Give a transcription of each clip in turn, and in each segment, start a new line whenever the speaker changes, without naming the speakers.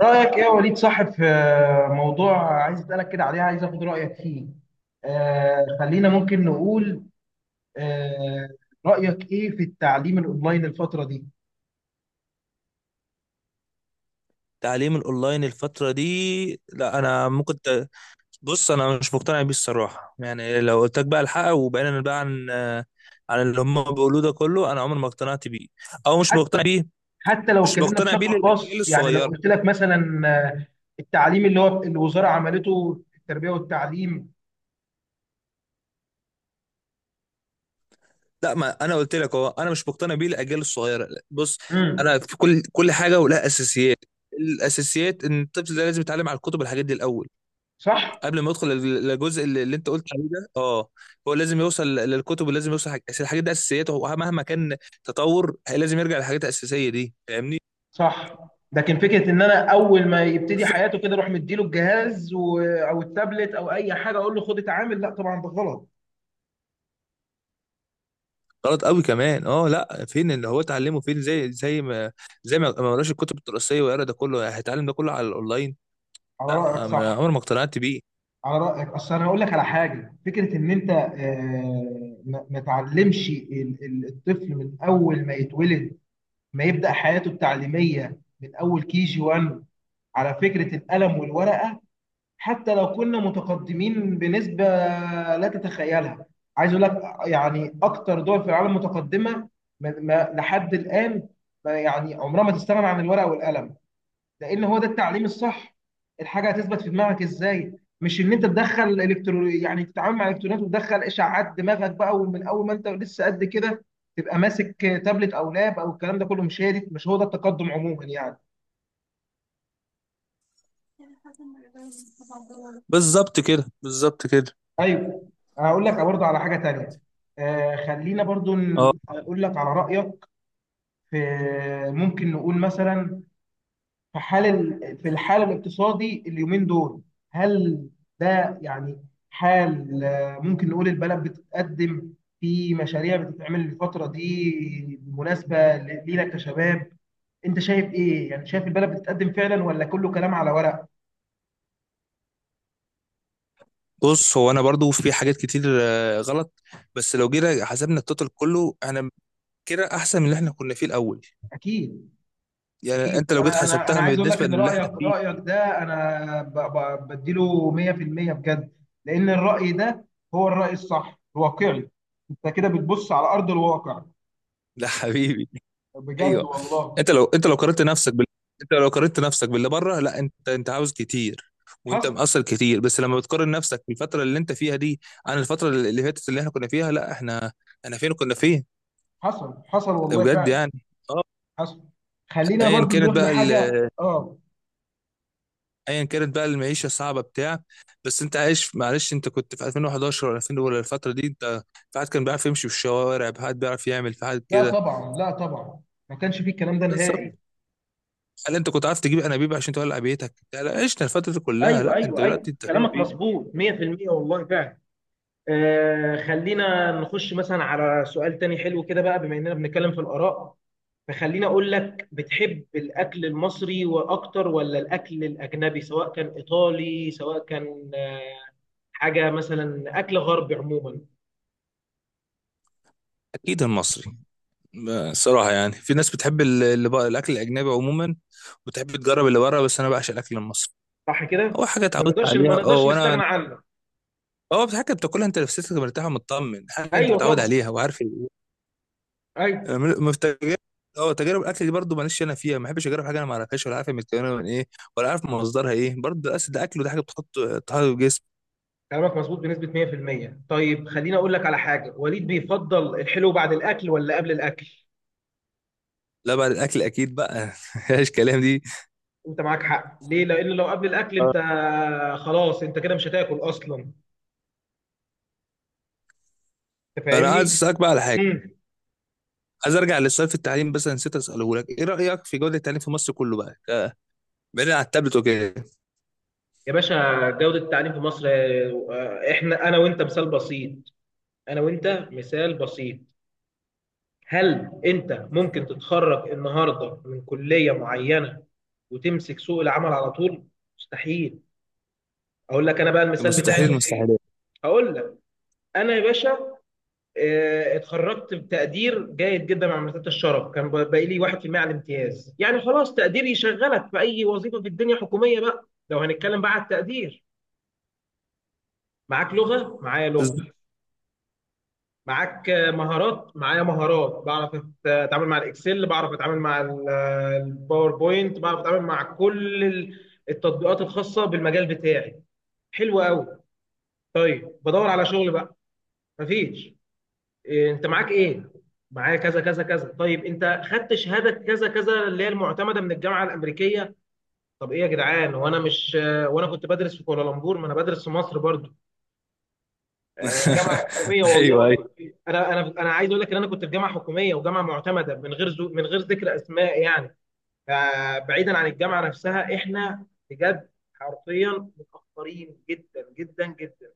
رأيك ايه يا وليد صاحب في موضوع عايز اسألك كده عليه، عايز اخد رأيك فيه. خلينا ممكن نقول، آه رأيك ايه في التعليم الاونلاين الفترة دي؟
تعليم الاونلاين الفتره دي، لا انا ممكن بص، انا مش مقتنع بيه الصراحه. يعني لو قلت لك بقى الحق وبعدين بقى عن عن اللي هم بيقولوه ده كله، انا عمري ما اقتنعت بيه او مش
حت-
مقتنع بيه.
حتى لو
مش
اتكلمنا
مقتنع بيه
بشكل
للاجيال
خاص، يعني لو
الصغيره.
قلت لك مثلا التعليم اللي هو الوزارة عملته في التربية والتعليم.
لا ما انا قلت لك اهو، انا مش مقتنع بيه للاجيال الصغيره. بص، انا
امم
في كل حاجه ولها اساسيات. الاساسيات ان الطفل ده لازم يتعلم على الكتب، الحاجات دي الاول،
صح.
قبل ما يدخل للجزء اللي انت قلت عليه ده. اه، هو لازم يوصل للكتب ولازم يوصل حاجة. أصل الحاجات دي اساسيات. هو مهما كان تطور لازم يرجع للحاجات الاساسيه دي. فاهمني؟
صح، لكن فكرة ان انا اول ما يبتدي
بالظبط.
حياته كده اروح مديله الجهاز او التابلت او اي حاجة اقول له خد اتعامل، لا طبعا ده غلط.
غلط قوي كمان. اه، لا، فين اللي هو اتعلمه؟ فين زي ما قراش الكتب الدراسيه ويقرا ده كله، يعني هيتعلم ده كله على الاونلاين؟
على رأيك
لا،
صح.
عمر ما اقتنعت بيه.
على رأيك، أصل أنا هقول لك على حاجة، فكرة إن أنت ما تعلمش الطفل من أول ما يتولد، ما يبدأ حياته التعليمية من أول كي جي 1 على فكرة القلم والورقة. حتى لو كنا متقدمين بنسبة لا تتخيلها، عايز أقول لك يعني أكتر دول في العالم متقدمة لحد الآن ما، يعني عمرها ما تستغنى عن الورقة والقلم، لان هو ده التعليم الصح. الحاجه هتثبت في دماغك ازاي؟ مش ان انت تدخل الكترو، يعني تتعامل مع الالكترونات وتدخل اشعاعات دماغك بقى، ومن اول ما انت لسه قد كده تبقى ماسك تابلت او لاب او الكلام ده كله، مش هي دي، مش هو ده التقدم عموما يعني.
بالظبط كده، بالظبط كده.
ايوه. هقول لك برضه على حاجه تانيه، خلينا برضه
اه،
اقول لك على رايك في، ممكن نقول مثلا، في الحال الاقتصادي اليومين دول، هل ده يعني حال، ممكن نقول البلد بتتقدم، في مشاريع بتتعمل الفترة دي مناسبة لينا كشباب؟ انت شايف ايه يعني، شايف البلد بتتقدم فعلا ولا كله كلام على ورق؟
بص، هو انا برضو في حاجات كتير غلط، بس لو جينا حسبنا التوتال كله، انا كده احسن من اللي احنا كنا فيه الاول.
اكيد.
يعني
اكيد،
انت لو جيت
انا
حسبتها
عايز اقول لك
بالنسبه
ان
للي
رايك
احنا فيه.
رايك ده انا بديله 100% بجد، لان الراي ده هو الراي الصح الواقعي، انت كده بتبص على ارض الواقع.
لا حبيبي،
بجد
ايوه.
والله.
انت لو انت لو قارنت نفسك بال... انت لو قارنت نفسك باللي بره، لا، انت عاوز كتير وانت
حصل.
مقصر كتير، بس لما بتقارن نفسك بالفتره اللي انت فيها دي عن الفتره اللي فاتت اللي احنا كنا فيها، لا، احنا احنا فين، كنا فين؟
حصل
ده
والله
بجد
فعلا.
يعني. اه.
حصل. خلينا
ايا
برضو
كانت
نروح
بقى
لحاجه اه.
ايا كانت بقى المعيشه الصعبه بتاع، بس انت عايش، معلش، انت كنت في 2011 ولا 2000 ولا الفتره دي؟ انت في حد كان بيعرف يمشي في الشوارع، في حد بيعرف يعمل، في حد
لا
كده؟
طبعا، لا طبعا، ما كانش فيه الكلام ده
بس
نهائي.
هل انت كنت عارف تجيب انابيب عشان تولع بيتك؟ لا لا، عشنا الفتره دي كلها.
ايوه،
لا، انت
ايوه، ايوه،
دلوقتي انت فين
كلامك
وفين.
مظبوط 100% والله فعلا. خلينا نخش مثلا على سؤال تاني حلو كده بقى، بما اننا بنتكلم في الاراء، فخلينا اقول لك، بتحب الاكل المصري واكتر ولا الاكل الاجنبي، سواء كان ايطالي سواء كان حاجه مثلا اكل غربي عموما؟
اكيد المصري. صراحه يعني في ناس بتحب اللي بقى الاكل الاجنبي عموما وتحب تجرب اللي بره، بس انا بعشق الاكل المصري.
صح
هو
كده،
حاجه
ما
اتعودت
نقدرش ما
عليها. اه،
نقدرش
وانا
نستغنى عنه.
هو حاجه بتاكلها، انت نفسيتك مرتاح ومطمن، حاجه انت
ايوه
متعود
طبعا،
عليها وعارف
ايوه.
في تجارب. اه، تجارب الاكل دي برضه ماليش انا فيها، ما بحبش اجرب حاجه انا ما اعرفهاش، ولا عارف هي متكونه من ايه، ولا عارف مصدرها ايه. برضه الاكل ده اكل، وده حاجه بتحط في الجسم.
كلامك مظبوط بنسبة 100%. طيب خليني اقول لك على حاجة، وليد بيفضل الحلو بعد الاكل ولا قبل الاكل؟
لا، بعد الاكل اكيد بقى مفيهاش كلام دي.
انت معاك حق، ليه؟ لان لو قبل الاكل، انت خلاص انت كده مش هتاكل اصلا، انت
انا عايز
فاهمني.
اسالك بقى على حاجه.
امم
عايز ارجع للسؤال في التعليم، بس أنا نسيت اساله لك. ايه رايك في جوده التعليم في مصر كله بقى، بعيد عن التابلت وكده؟
يا باشا جودة التعليم في مصر، احنا انا وانت مثال بسيط. انا وانت مثال بسيط، هل انت ممكن تتخرج النهارده من كلية معينة وتمسك سوق العمل على طول؟ مستحيل. اقول لك انا بقى المثال بتاعي
مستحيل
المثير،
المستحيلات.
هقول لك، انا يا باشا اتخرجت بتقدير جيد جدا مع مرتبة الشرف، كان باقي لي 1% على الامتياز، يعني خلاص تقدير يشغلك في اي وظيفة في الدنيا حكومية بقى، لو هنتكلم بقى على التقدير. معاك لغة معايا
بس
لغة، معاك مهارات معايا مهارات، بعرف اتعامل مع الاكسل، بعرف اتعامل مع الباوربوينت، بعرف اتعامل مع كل التطبيقات الخاصة بالمجال بتاعي. حلو قوي، طيب بدور على شغل بقى، مفيش. إيه انت معاك ايه؟ معايا كذا كذا كذا. طيب انت خدت شهاده كذا كذا اللي هي المعتمده من الجامعه الامريكيه؟ طب ايه يا جدعان، وانا مش وانا كنت بدرس في كوالالمبور، ما انا بدرس في مصر برضو، جامعه حكوميه
ايوه،
والله.
ايوه.
انا عايز اقول لك ان انا كنت في جامعه حكوميه وجامعه معتمده، من غير من غير ذكر اسماء يعني. فبعيدا عن الجامعه نفسها، احنا بجد حرفيا متاخرين جدا.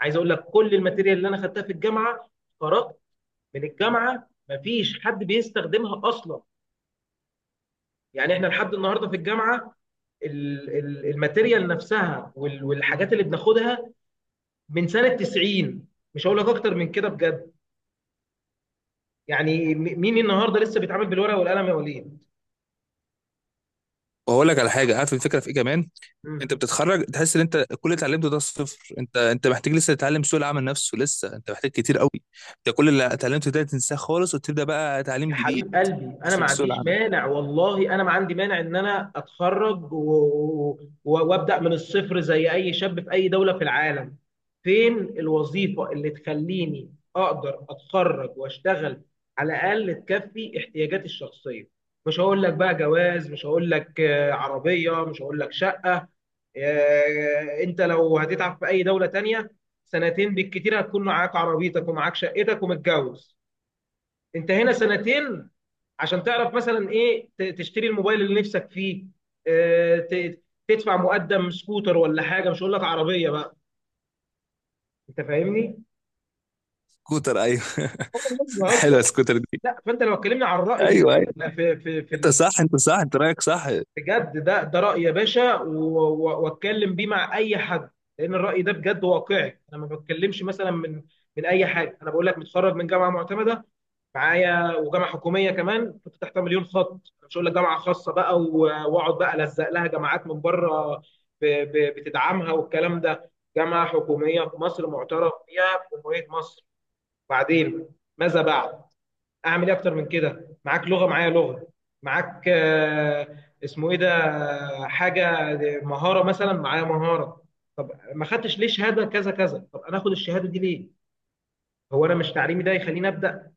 عايز اقول لك كل الماتيريال اللي انا خدتها في الجامعه، قرات من الجامعه، مفيش حد بيستخدمها اصلا. يعني احنا لحد النهارده في الجامعه الماتيريال نفسها والحاجات اللي بناخدها من سنه 90، مش هقول لك اكتر من كده بجد. يعني مين النهارده لسه بيتعامل بالورقه والقلم يا وليد؟
واقول لك على حاجه، عارف الفكره في ايه كمان؟ انت
مم.
بتتخرج تحس ان انت كل اللي اتعلمته ده صفر. انت محتاج لسه تتعلم سوق العمل نفسه، لسه انت محتاج كتير قوي. انت كل اللي اتعلمته ده تنساه خالص وتبدا بقى
يا
تعليم جديد،
حبيب قلبي، انا ما
عشان في سوق
عنديش
العمل.
مانع والله، انا ما عندي مانع ان انا اتخرج وابدا من الصفر زي اي شاب في اي دوله في العالم. فين الوظيفه اللي تخليني اقدر اتخرج واشتغل، على الاقل تكفي احتياجاتي الشخصيه. مش هقول لك بقى جواز، مش هقول لك عربيه، مش هقول لك شقه. انت لو هتتعب في اي دوله تانية سنتين بالكتير، هتكون معاك عربيتك ومعاك شقتك ومتجوز. انت هنا سنتين عشان تعرف مثلا ايه، تشتري الموبايل اللي نفسك فيه، آه، ت- تدفع مقدم سكوتر ولا حاجه، مش هقول لك عربيه بقى. انت فاهمني؟
سكوتر؟ ايوه
مش
حلوه
بهزر.
السكوتر دي.
لا، فانت لو اتكلمنا عن الراي
ايوه،
في
ايوه، انت صح، انت صح، انت رايك صح.
بجد ده راي يا باشا، واتكلم بيه مع اي حد، لان الراي ده بجد واقعي. انا ما بتكلمش مثلا من اي حاجه، انا بقول لك متخرج من جامعه معتمده معايا، وجامعه حكوميه كمان كنت تحتها مليون خط، مش هقول لك جامعه خاصه بقى واقعد بقى الزق لها جامعات من بره بتدعمها والكلام ده. جامعه حكوميه في مصر معترف بيها في جمهوريه مصر. بعدين ماذا بعد؟ اعمل ايه اكتر من كده؟ معاك لغه معايا لغه، معاك اسمه ايه ده، حاجه، مهاره مثلا، معايا مهاره. طب ما خدتش ليه شهاده كذا كذا؟ طب انا اخد الشهاده دي ليه؟ هو انا مش تعليمي ده يخليني ابدا؟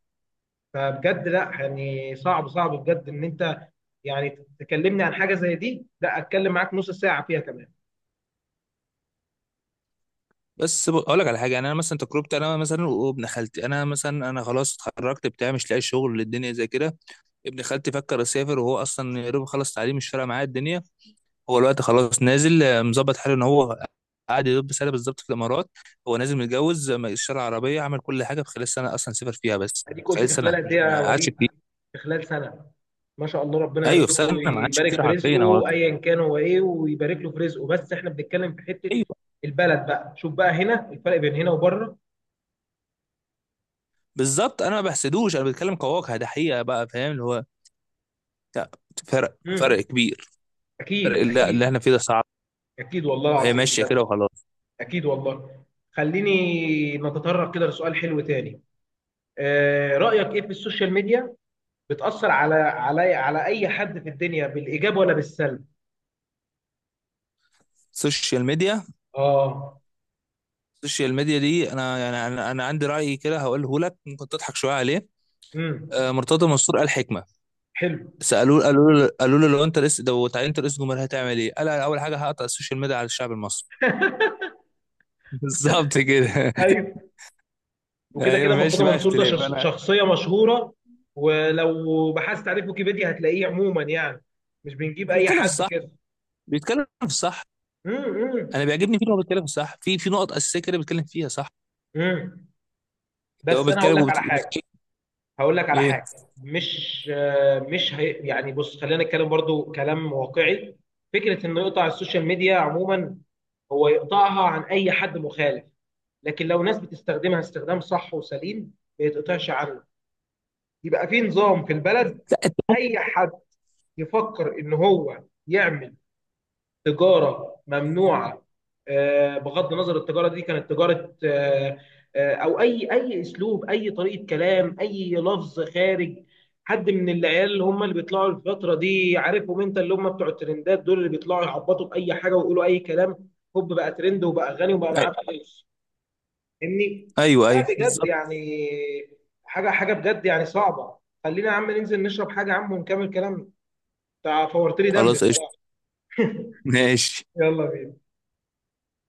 فبجد لا، يعني صعب، صعب بجد ان انت يعني تكلمني عن حاجه زي دي، لا اتكلم معاك نص ساعه فيها كمان.
بس اقول لك على حاجه. يعني انا مثلا تجربتي انا مثلا وابن خالتي، انا مثلا انا خلاص اتخرجت بتاع، مش لاقي شغل، الدنيا زي كده. ابن خالتي فكر يسافر، وهو اصلا يا دوب خلص تعليم، مش فارقه معاه الدنيا. هو الوقت خلاص نازل مظبط حاله. ان هو قاعد يا دوب سنه بالظبط في الامارات، هو نازل متجوز اشترى عربيه، عمل كل حاجه في خلال سنه. اصلا سافر فيها بس
اديك قلت
خلال
في خلال
سنه،
قد
مش
ايه يا
ما قعدش
وليد؟
كتير.
في خلال سنه. ما شاء الله، ربنا
ايوه، في
يرزقه
سنه، ما قعدش
ويبارك
كتير
في
حرفيا هو.
رزقه ايا كان هو ايه، ويبارك له في رزقه، بس احنا بنتكلم في حته
ايوه،
البلد بقى، شوف بقى هنا الفرق بين هنا وبره.
بالظبط. انا ما بحسدوش، انا بتكلم كواقع، ده حقيقه بقى. فاهم اللي هو؟ لا، فرق، فرق
امم
كبير. فرق.
اكيد،
اللي
اكيد.
احنا فيه ده صعب.
اكيد والله
وهي
العظيم
ماشيه
بجد.
كده وخلاص.
اكيد والله. خليني نتطرق كده لسؤال حلو تاني، رايك ايه في السوشيال ميديا؟ بتأثر على على أي حد في الدنيا بالإيجاب ولا بالسلب؟
السوشيال ميديا.
اه.
السوشيال ميديا دي انا يعني، انا عندي راي كده هقوله لك، ممكن تضحك شويه عليه.
امم
مرتضى منصور قال حكمه.
حلو.
سالوه، قالوا له، قالوا له لو انت رئيس، لو اتعينت رئيس جمهوريه هتعمل ايه؟ قال أنا اول حاجه هقطع السوشيال ميديا على الشعب المصري. بالظبط كده.
ايوه، وكده
ايوه،
كده مرتضى
ماشي بقى،
منصور ده
اختلاف. انا
شخصية مشهورة، ولو بحثت عليه في ويكيبيديا هتلاقيه، عموما يعني مش بنجيب أي
بيتكلم في
حد
الصح،
كده.
بيتكلم في الصح.
امم.
انا بيعجبني فيه إن هو بيتكلم في الصح، في في نقط اساسيه كده بيتكلم فيها صح.
امم،
هو
بس أنا هقول
بيتكلم
لك على حاجة، هقول لك على
ايه؟
حاجة، مش مش هي يعني، بص خلينا نتكلم برضو كلام واقعي. فكرة إنه يقطع السوشيال ميديا عموما، هو يقطعها عن اي حد مخالف، لكن لو ناس بتستخدمها استخدام صح وسليم ما يتقطعش عنه. يبقى في نظام في البلد. اي حد يفكر ان هو يعمل تجاره ممنوعه، بغض النظر التجاره دي كانت تجاره او اي اي اسلوب، اي طريقه كلام، اي لفظ خارج، حد من العيال اللي هم اللي بيطلعوا الفتره دي، عارفهم انت اللي هم بتوع الترندات دول، اللي بيطلعوا يعبطوا باي حاجه ويقولوا اي كلام، هوب بقى ترند وبقى غني وبقى معاه
أي-
فلوس، فاهمني؟
ايوه، ايوه،
فلا بجد
بالظبط.
يعني، حاجه حاجه بجد يعني صعبه. خلينا يا عم ننزل نشرب حاجه يا عم ونكمل كلام، انت فورت لي دمي
خلاص، قشطه،
بصراحه.
ماشي.
يلا بينا.